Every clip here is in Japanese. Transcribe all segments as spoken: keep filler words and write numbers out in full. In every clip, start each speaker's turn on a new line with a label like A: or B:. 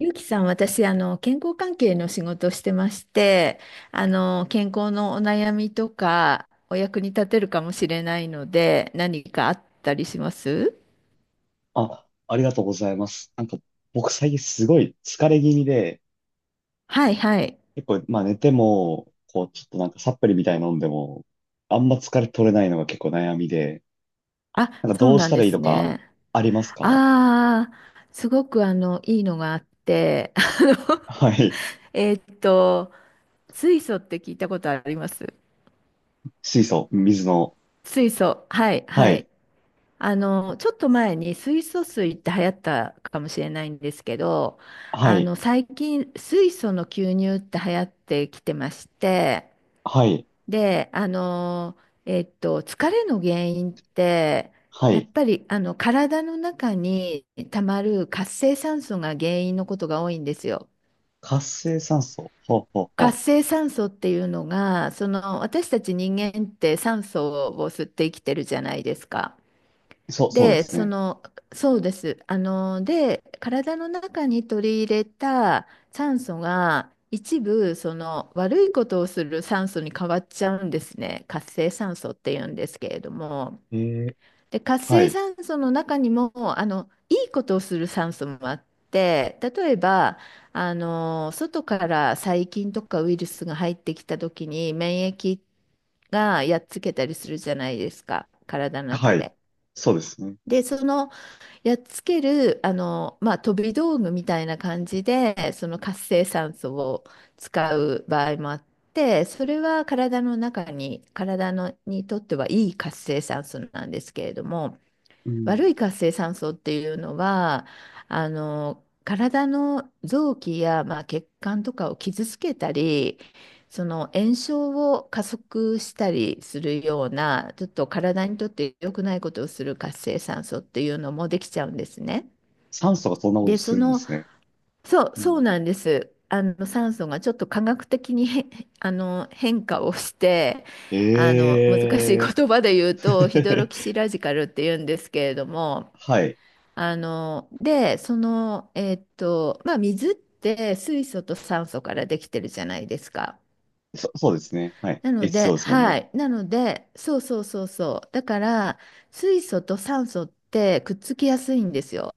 A: ゆうきさん、私、あの、健康関係の仕事をしてまして、あの、健康のお悩みとか、お役に立てるかもしれないので、何かあったりします？
B: あ、ありがとうございます。なんか、僕最近すごい疲れ気味で、
A: はいはい。
B: 結構、まあ寝ても、こう、ちょっとなんかサプリみたいに飲んでも、あんま疲れ取れないのが結構悩みで、
A: あ、
B: なんか
A: そ
B: ど
A: う
B: うし
A: なん
B: たら
A: で
B: いいと
A: す
B: か、
A: ね。
B: ありますか？
A: ああ、すごく、あの、いいのがあって、あの、
B: はい。
A: えーっと、水素って聞いたことあります？
B: 水素、水の。
A: 水素。はい
B: は
A: は
B: い。
A: い。あの、ちょっと前に水素水って流行ったかもしれないんですけど、
B: は
A: あ
B: い。
A: の、最近水素の吸入って流行ってきてまして、
B: はい。
A: で、あの、えっと、疲れの原因って、
B: は
A: や
B: い。
A: っぱりあの体の中にたまる活性酸素が原因のことが多いんですよ。
B: 活性酸素。ほうほう
A: 活
B: ほ
A: 性酸素っていうのが、その私たち人間って酸素を吸って生きてるじゃないですか。
B: う。そう、そうで
A: で、
B: す
A: そ
B: ね。
A: の、そうです。あの、で、体の中に取り入れた酸素が一部、その悪いことをする酸素に変わっちゃうんですね。活性酸素って言うんですけれども。
B: えー、
A: で、活
B: は
A: 性
B: い。
A: 酸素の中にも、あの、いいことをする酸素もあって、例えば、あの、外から細菌とかウイルスが入ってきた時に免疫がやっつけたりするじゃないですか、体の中
B: はい。
A: で。
B: そうですね。
A: で、そのやっつける、あの、まあ、飛び道具みたいな感じで、その活性酸素を使う場合もあって、それは体の中に、体のにとってはいい活性酸素なんですけれども、
B: う
A: 悪
B: ん。
A: い活性酸素っていうのは、あの、体の臓器や、まあ、血管とかを傷つけたり、その炎症を加速したりするような、ちょっと体にとって良くないことをする活性酸素っていうのもできちゃうんですね。
B: 酸素がそんなこと
A: で、
B: す
A: そ
B: るんで
A: の、
B: すね。
A: そう、
B: う
A: そう
B: ん。
A: なんです。あの、酸素がちょっと科学的に変 あの、変化をして、
B: え
A: あの、難しい
B: え
A: 言葉で言う
B: ー
A: と、ヒドロ キシラジカルっていうんですけれども、
B: はい。
A: あの、で、その、えーっと、まあ、水って水素と酸素からできてるじゃないですか。
B: そ、そうですね。はい。
A: なので、
B: エイチシーオー ですもん
A: は
B: ね。
A: い。なので、そうそうそうそう。だから、水素と酸素ってくっつきやすいんですよ。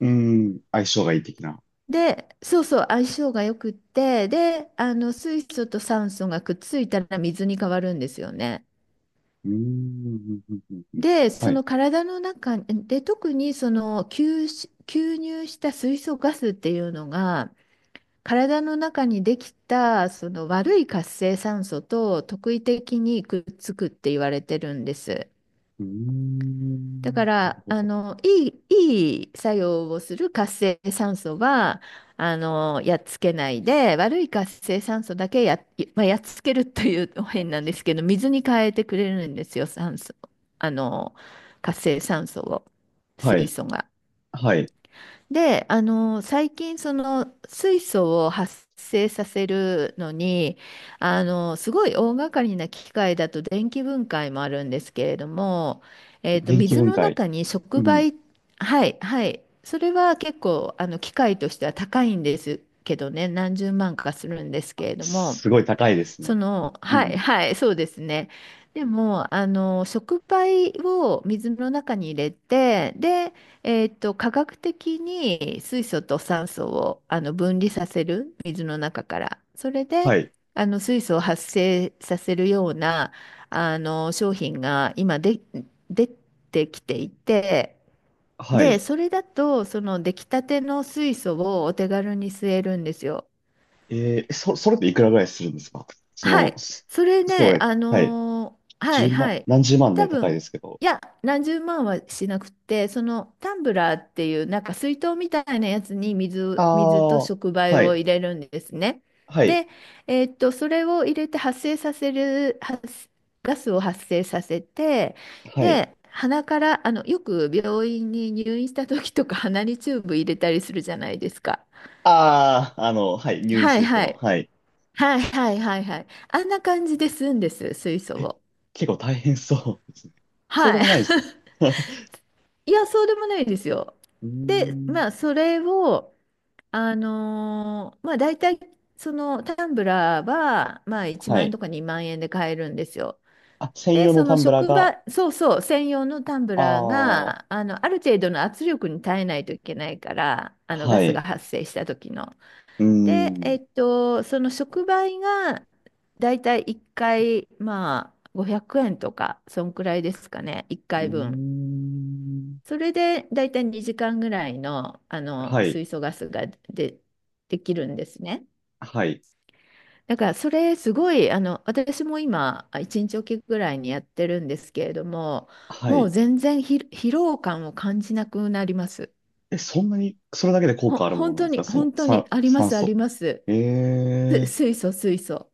B: うーん。相性がいい的な。
A: で、そうそう、相性がよくって、で、あの、水素と酸素がくっついたら水に変わるんですよね。
B: うーん。うんうんうん。
A: で、
B: は
A: そ
B: い。
A: の体の中で、特にその吸し、吸入した水素ガスっていうのが、体の中にできたその悪い活性酸素と特異的にくっつくって言われてるんです。
B: うー
A: だ
B: ん。
A: か
B: なる
A: ら
B: ほ
A: あ
B: ど。
A: のいい、いい作用をする活性酸素はあのやっつけないで悪い活性酸素だけや、まあ、やっつけるというと変なんですけど水に変えてくれるんですよ、酸素、あの活性酸素を、
B: は
A: 水
B: い。
A: 素が。
B: はい。
A: で、あの、最近、その、水素を発生させるのに、あの、すごい大掛かりな機械だと電気分解もあるんですけれども、え
B: で、
A: っと、
B: 電気
A: 水
B: 分
A: の
B: 解。
A: 中に触
B: うん。
A: 媒、はい、はい、それは結構、あの、機械としては高いんですけどね、何十万かするんですけれども、
B: すごい高いです
A: そ
B: ね。
A: の、
B: う
A: はい、
B: ん。
A: はい、そうですね。でも、あの、触媒を水の中に入れて、で、えっと、科学的に水素と酸素をあの分離させる、水の中から。それで、
B: はい。
A: あの、水素を発生させるような、あの、商品が今で、出てきていて、
B: は
A: で、
B: い。
A: それだと、その出来たての水素をお手軽に吸えるんですよ。
B: えー、そ、それっていくらぐらいするんですか？そ
A: は
B: の、
A: い。
B: そ
A: それ
B: そ
A: ね、
B: れ、
A: あ
B: はい。
A: のーは
B: 1
A: いは
B: 万、
A: い。
B: 何十万
A: 多
B: ね、高い
A: 分、
B: ですけど。
A: いや、何十万はしなくて、そのタンブラーっていう、なんか水筒みたいなやつに
B: あ
A: 水、水と
B: あ、
A: 触媒
B: は
A: を
B: い。
A: 入れるんですね。
B: はい。
A: で、えーっと、それを入れて発生させる、発ガスを発生させて、
B: はい。
A: で、鼻から、あの、よく病院に入院した時とか鼻にチューブ入れたりするじゃないですか。
B: ああ、あの、はい。入院
A: は
B: す
A: い
B: る人
A: は
B: の、
A: い。
B: はい。
A: はいはいはいはい。あんな感じで吸うんです、水素
B: え、
A: を。
B: 結構大変そうですね。そうで
A: はい。
B: もないです か？ う
A: いや、そうでもないですよ。
B: ー
A: で、
B: ん。
A: まあ、それを、あのーまあ、大体、そのタンブラーは、まあ、1
B: は
A: 万円
B: い。
A: とかにまん円で買えるんですよ。
B: あ、専
A: で、
B: 用の
A: そ
B: タ
A: の
B: ンブラー
A: 職
B: が、
A: 場、そうそう、専用のタンブラー
B: ああ、
A: が、あの、ある程度の圧力に耐えないといけないから、あの、
B: は
A: ガス
B: い。
A: が発生した時の。
B: うー
A: で、
B: ん。
A: えっと、その触媒がだいたいいっかい、まあ、ごひゃくえんとか、そんくらいですかね、1
B: うー
A: 回分。
B: ん。
A: それでだいたいにじかんぐらいの、あ
B: は
A: の
B: い。
A: 水素ガスがで、できるんですね。
B: はい。
A: だからそれすごい、あの私も今いちにちおきぐらいにやってるんですけれども、
B: は
A: もう
B: い。
A: 全然ひ疲労感を感じなくなります。
B: え、そんなに、それだけで効
A: ほ
B: 果あるもの
A: 本
B: なんで
A: 当
B: すか？
A: に、
B: その、
A: 本当に
B: 酸、
A: ありま
B: 酸
A: すあ
B: 素。
A: ります。す
B: え
A: 水素水素。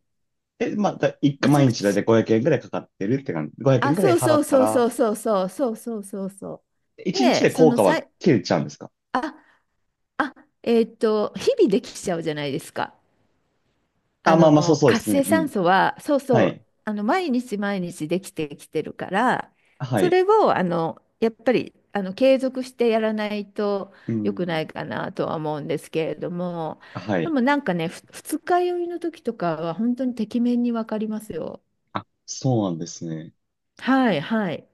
B: ええ、まあ、だ、一回、
A: めちゃ
B: 毎
A: く
B: 日だいた
A: ち
B: いごひゃくえんぐらいかかってるって感じ。ごひゃくえん
A: あ、
B: ぐらい
A: そう
B: 払
A: そ
B: っ
A: う
B: た
A: そうそ
B: ら、
A: うそうそうそうそうそうそう。
B: いちにち
A: で、
B: で
A: そ
B: 効
A: の
B: 果
A: さ
B: は
A: い、
B: 切れちゃうんですか？
A: あ、あ、えーっと、日々できちゃうじゃないですか。
B: あ、
A: あ
B: まあまあ、そう
A: の、
B: そうで
A: 活
B: すね。
A: 性
B: う
A: 酸
B: ん。
A: 素は、そうそ
B: は
A: う、
B: い。
A: あの、毎日毎日できてきてるから、
B: は
A: そ
B: い。
A: れを、あの、やっぱり、あの、継続してやらないと
B: う
A: 良く
B: ん。
A: ないかなとは思うんですけれども、
B: は
A: で
B: い。
A: もなんかね、ふ二日酔いの時とかは本当にてきめんにわかりますよ。
B: あ、そうなんですね。
A: はい、はい。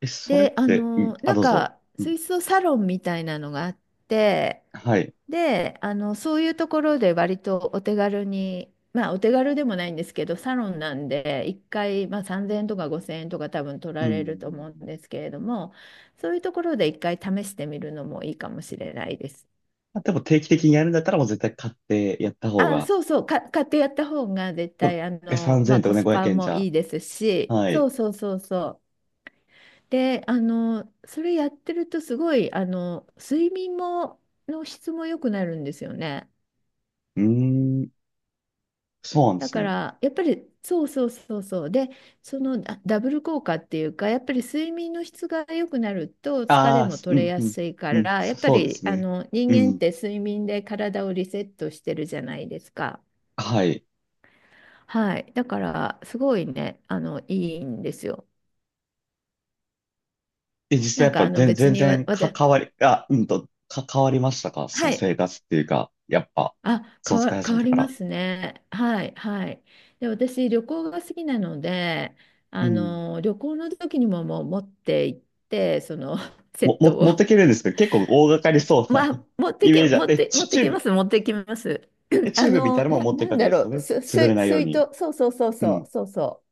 B: え、それっ
A: で、あ
B: て、う
A: の、
B: ん、あ、
A: な
B: ど
A: ん
B: うぞ。
A: か、
B: うん、
A: 水槽サロンみたいなのがあって、
B: はい。
A: で、あの、そういうところで割とお手軽に、まあ、お手軽でもないんですけど、サロンなんで、いっかい、まあ、さんぜんえんとかごせんえんとか多分取
B: う
A: られると思う
B: ん。
A: んですけれども、そういうところでいっかい試してみるのもいいかもしれないです。
B: まあ、でも定期的にやるんだったらもう絶対買ってやった方
A: あ、
B: が、
A: そうそう、か、買ってやった方が絶
B: ま
A: 対、あ
B: あ、
A: の、
B: 3000
A: まあ、
B: 円と
A: コ
B: かね、
A: ス
B: 500
A: パ
B: 円じ
A: も
B: ゃ。
A: いいですし、
B: は
A: そ
B: い。
A: うそうそうそう。で、あの、それやってるとすごい、あの、睡眠も、の質も良くなるんですよね。
B: うーん、そうなんで
A: だ
B: す
A: か
B: ね。
A: ら、やっぱり、そうそうそうそう。で、そのダダブル効果っていうか、やっぱり睡眠の質が良くなると疲れ
B: ああ、
A: も
B: すう
A: 取れ
B: ん、
A: や
B: うん、
A: すいか
B: うん、
A: ら、や
B: そ、
A: っぱ
B: そうで
A: り、
B: す
A: あ
B: ね。
A: の、人
B: う
A: 間っ
B: ん、
A: て睡眠で体をリセットしてるじゃないですか。
B: はい。
A: はい。だから、すごいね、あの、いいんですよ。
B: え、実
A: な
B: 際や
A: ん
B: っ
A: か、
B: ぱ
A: あの、
B: 全、
A: 別
B: 全
A: にわ、
B: 然
A: わ
B: か、
A: た、
B: 変わり、あ、うんと、か、変わりましたか？そ
A: は
B: の生
A: い。
B: 活っていうか、やっぱ、
A: あ、
B: そ
A: 変
B: の使い
A: わ、
B: 始
A: 変
B: め
A: わ
B: て
A: り
B: か
A: ま
B: ら。
A: すね。はい、はい。で、私、旅行が好きなので、
B: う
A: あ
B: ん。
A: の、旅行の時にももう持って行って、その、セ
B: も、
A: ッ
B: も、
A: トを。
B: 持ってけるんですけど、結構大掛かりそ うな
A: まあ、持っ て
B: イ
A: け、
B: メージあっ
A: 持っ
B: て、
A: て、持
B: チ、
A: って
B: チュー
A: けま
B: ブ、
A: す、持ってきます。
B: え チュ
A: あ
B: ーブみたい
A: の、
B: なのも
A: な、
B: 持って
A: な
B: いく
A: ん
B: わけ
A: だ
B: です
A: ろ
B: よ
A: う、
B: ね。
A: す、
B: 潰れ
A: す、
B: ないよう
A: 水
B: に。
A: 筒、そうそうそう
B: う
A: そ
B: ん。
A: う、そうそ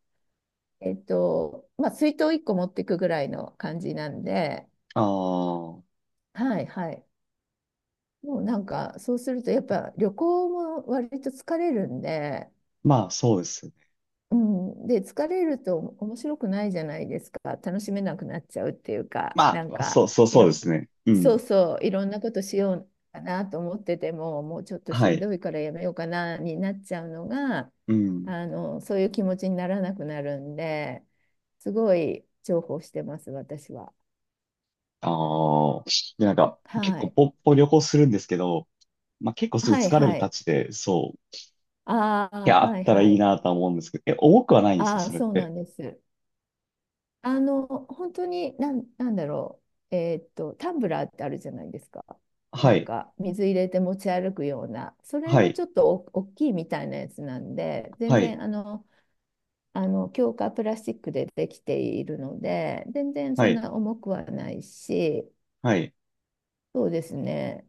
A: う。えっと、まあ、水筒いっこ持ってくぐらいの感じなんで、
B: ああ、
A: はい、はい。もうなんか、そうすると、やっぱ旅行も割と疲れるんで、
B: まあ、そうですね。
A: うん、で疲れると面白くないじゃないですか。楽しめなくなっちゃうっていうか
B: ま
A: なん
B: あ、そ
A: か、
B: う、そう、
A: い
B: そうで
A: ろ
B: すね。う
A: そう
B: ん。
A: そう、いろんなことしようかなと思っててももうちょっと
B: は
A: しん
B: い。
A: どいからやめようかなになっちゃうのが、
B: うん。
A: あのそういう気持ちにならなくなるんで、すごい重宝してます私は。
B: ああ、で、なんか、
A: は
B: 結構
A: い、
B: ポッポ旅行するんですけど、まあ結構すぐ
A: はい
B: 疲れ
A: は
B: るた
A: い。
B: ちで、そう、
A: あ
B: い
A: あ
B: や、あっ
A: はい
B: たら
A: は
B: いい
A: い。
B: なとは思うんですけど、え、重くはないんですか、
A: ああ、
B: それっ
A: そうな
B: て？
A: んです。あの、本当に、なん、なんだろう、えーっと、タンブラーってあるじゃないですか。
B: は
A: なん
B: い。
A: か、水入れて持ち歩くような、それ
B: は
A: の
B: い。
A: ちょっとお大きいみたいなやつなんで、全
B: はい。
A: 然、あの、あの、強化プラスチックでできているので、全然
B: は
A: そん
B: い。
A: な重くはないし、
B: はい。
A: そうですね。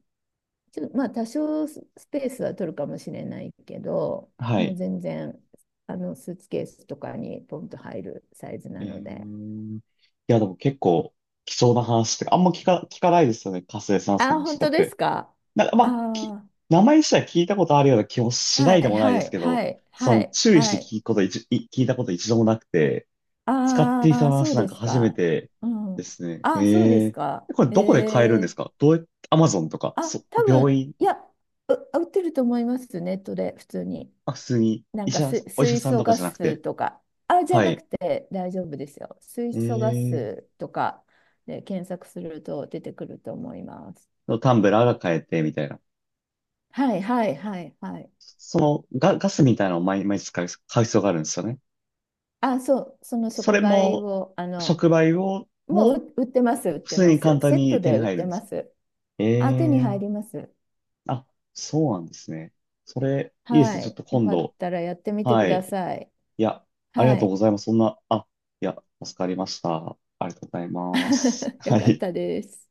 A: ちょ、まあ、多少ススペースは取るかもしれないけど、
B: は
A: もう
B: い。
A: 全然、あの、スーツケースとかにポンと入るサイズな
B: え
A: ので。
B: ー、いや、でも結構貴重な話って、あんま聞か、聞かないですよね。活性酸素の
A: あ、
B: 話
A: 本
B: と
A: 当
B: かっ
A: で
B: て。
A: すか？
B: なんか、まあ、き、
A: あ
B: 名前自体聞いたことあるような気も
A: あー、
B: しない
A: は
B: で
A: い
B: もないで
A: は
B: す
A: い
B: け
A: は
B: ど、
A: い
B: そ
A: は
B: の
A: い
B: 注意
A: は
B: して
A: い。
B: 聞くこと一、い聞いたこと一度もなくて、使ってい
A: あ
B: た
A: あ、そ
B: 話
A: う
B: なん
A: で
B: か
A: す
B: 初め
A: か。
B: て
A: う
B: で
A: ん。
B: すね。
A: あ、そうで
B: え
A: す
B: え。
A: か。
B: これ
A: え
B: どこで買えるんで
A: え。
B: すか？どうやって、アマゾンとか、
A: あ、
B: そ、
A: 多
B: 病
A: 分、
B: 院、
A: いや、う、売ってると思います、ネットで、普通に。
B: あ、普通に
A: な
B: 医
A: んか
B: 者、
A: す、
B: お医者
A: 水
B: さん
A: 素
B: とか
A: ガ
B: じゃなく
A: ス
B: て、
A: とか。あ、じゃ
B: は
A: な
B: い。
A: くて大丈夫ですよ。水素ガ
B: ええ。
A: スとかで検索すると出てくると思います。
B: タンブラーが買えて、みたいな。
A: はいはいはいはい。
B: そのガ、ガスみたいなのを毎毎日使う、買う必要があるんですよね。
A: あ、そう、その
B: そ
A: 触
B: れ
A: 媒
B: も、
A: を、あの、
B: 触媒を、
A: もう
B: も、
A: う売ってます、売っ
B: 普
A: て
B: 通
A: ま
B: に
A: す。
B: 簡単
A: セッ
B: に
A: ト
B: 手に
A: で売っ
B: 入る
A: て
B: んで
A: ま
B: す。
A: す。
B: え
A: あ、手に
B: え。
A: 入ります。
B: あ、そうなんですね。それ、いいです
A: は
B: ね。ちょっ
A: い。
B: と
A: よ
B: 今
A: かっ
B: 度。
A: たらやってみてく
B: は
A: だ
B: い。
A: さい。
B: いや、ありが
A: は
B: とう
A: い。
B: ございます。そんな、あ、いや、助かりました。ありがとうございます。
A: よ
B: は
A: かっ
B: い。
A: たです。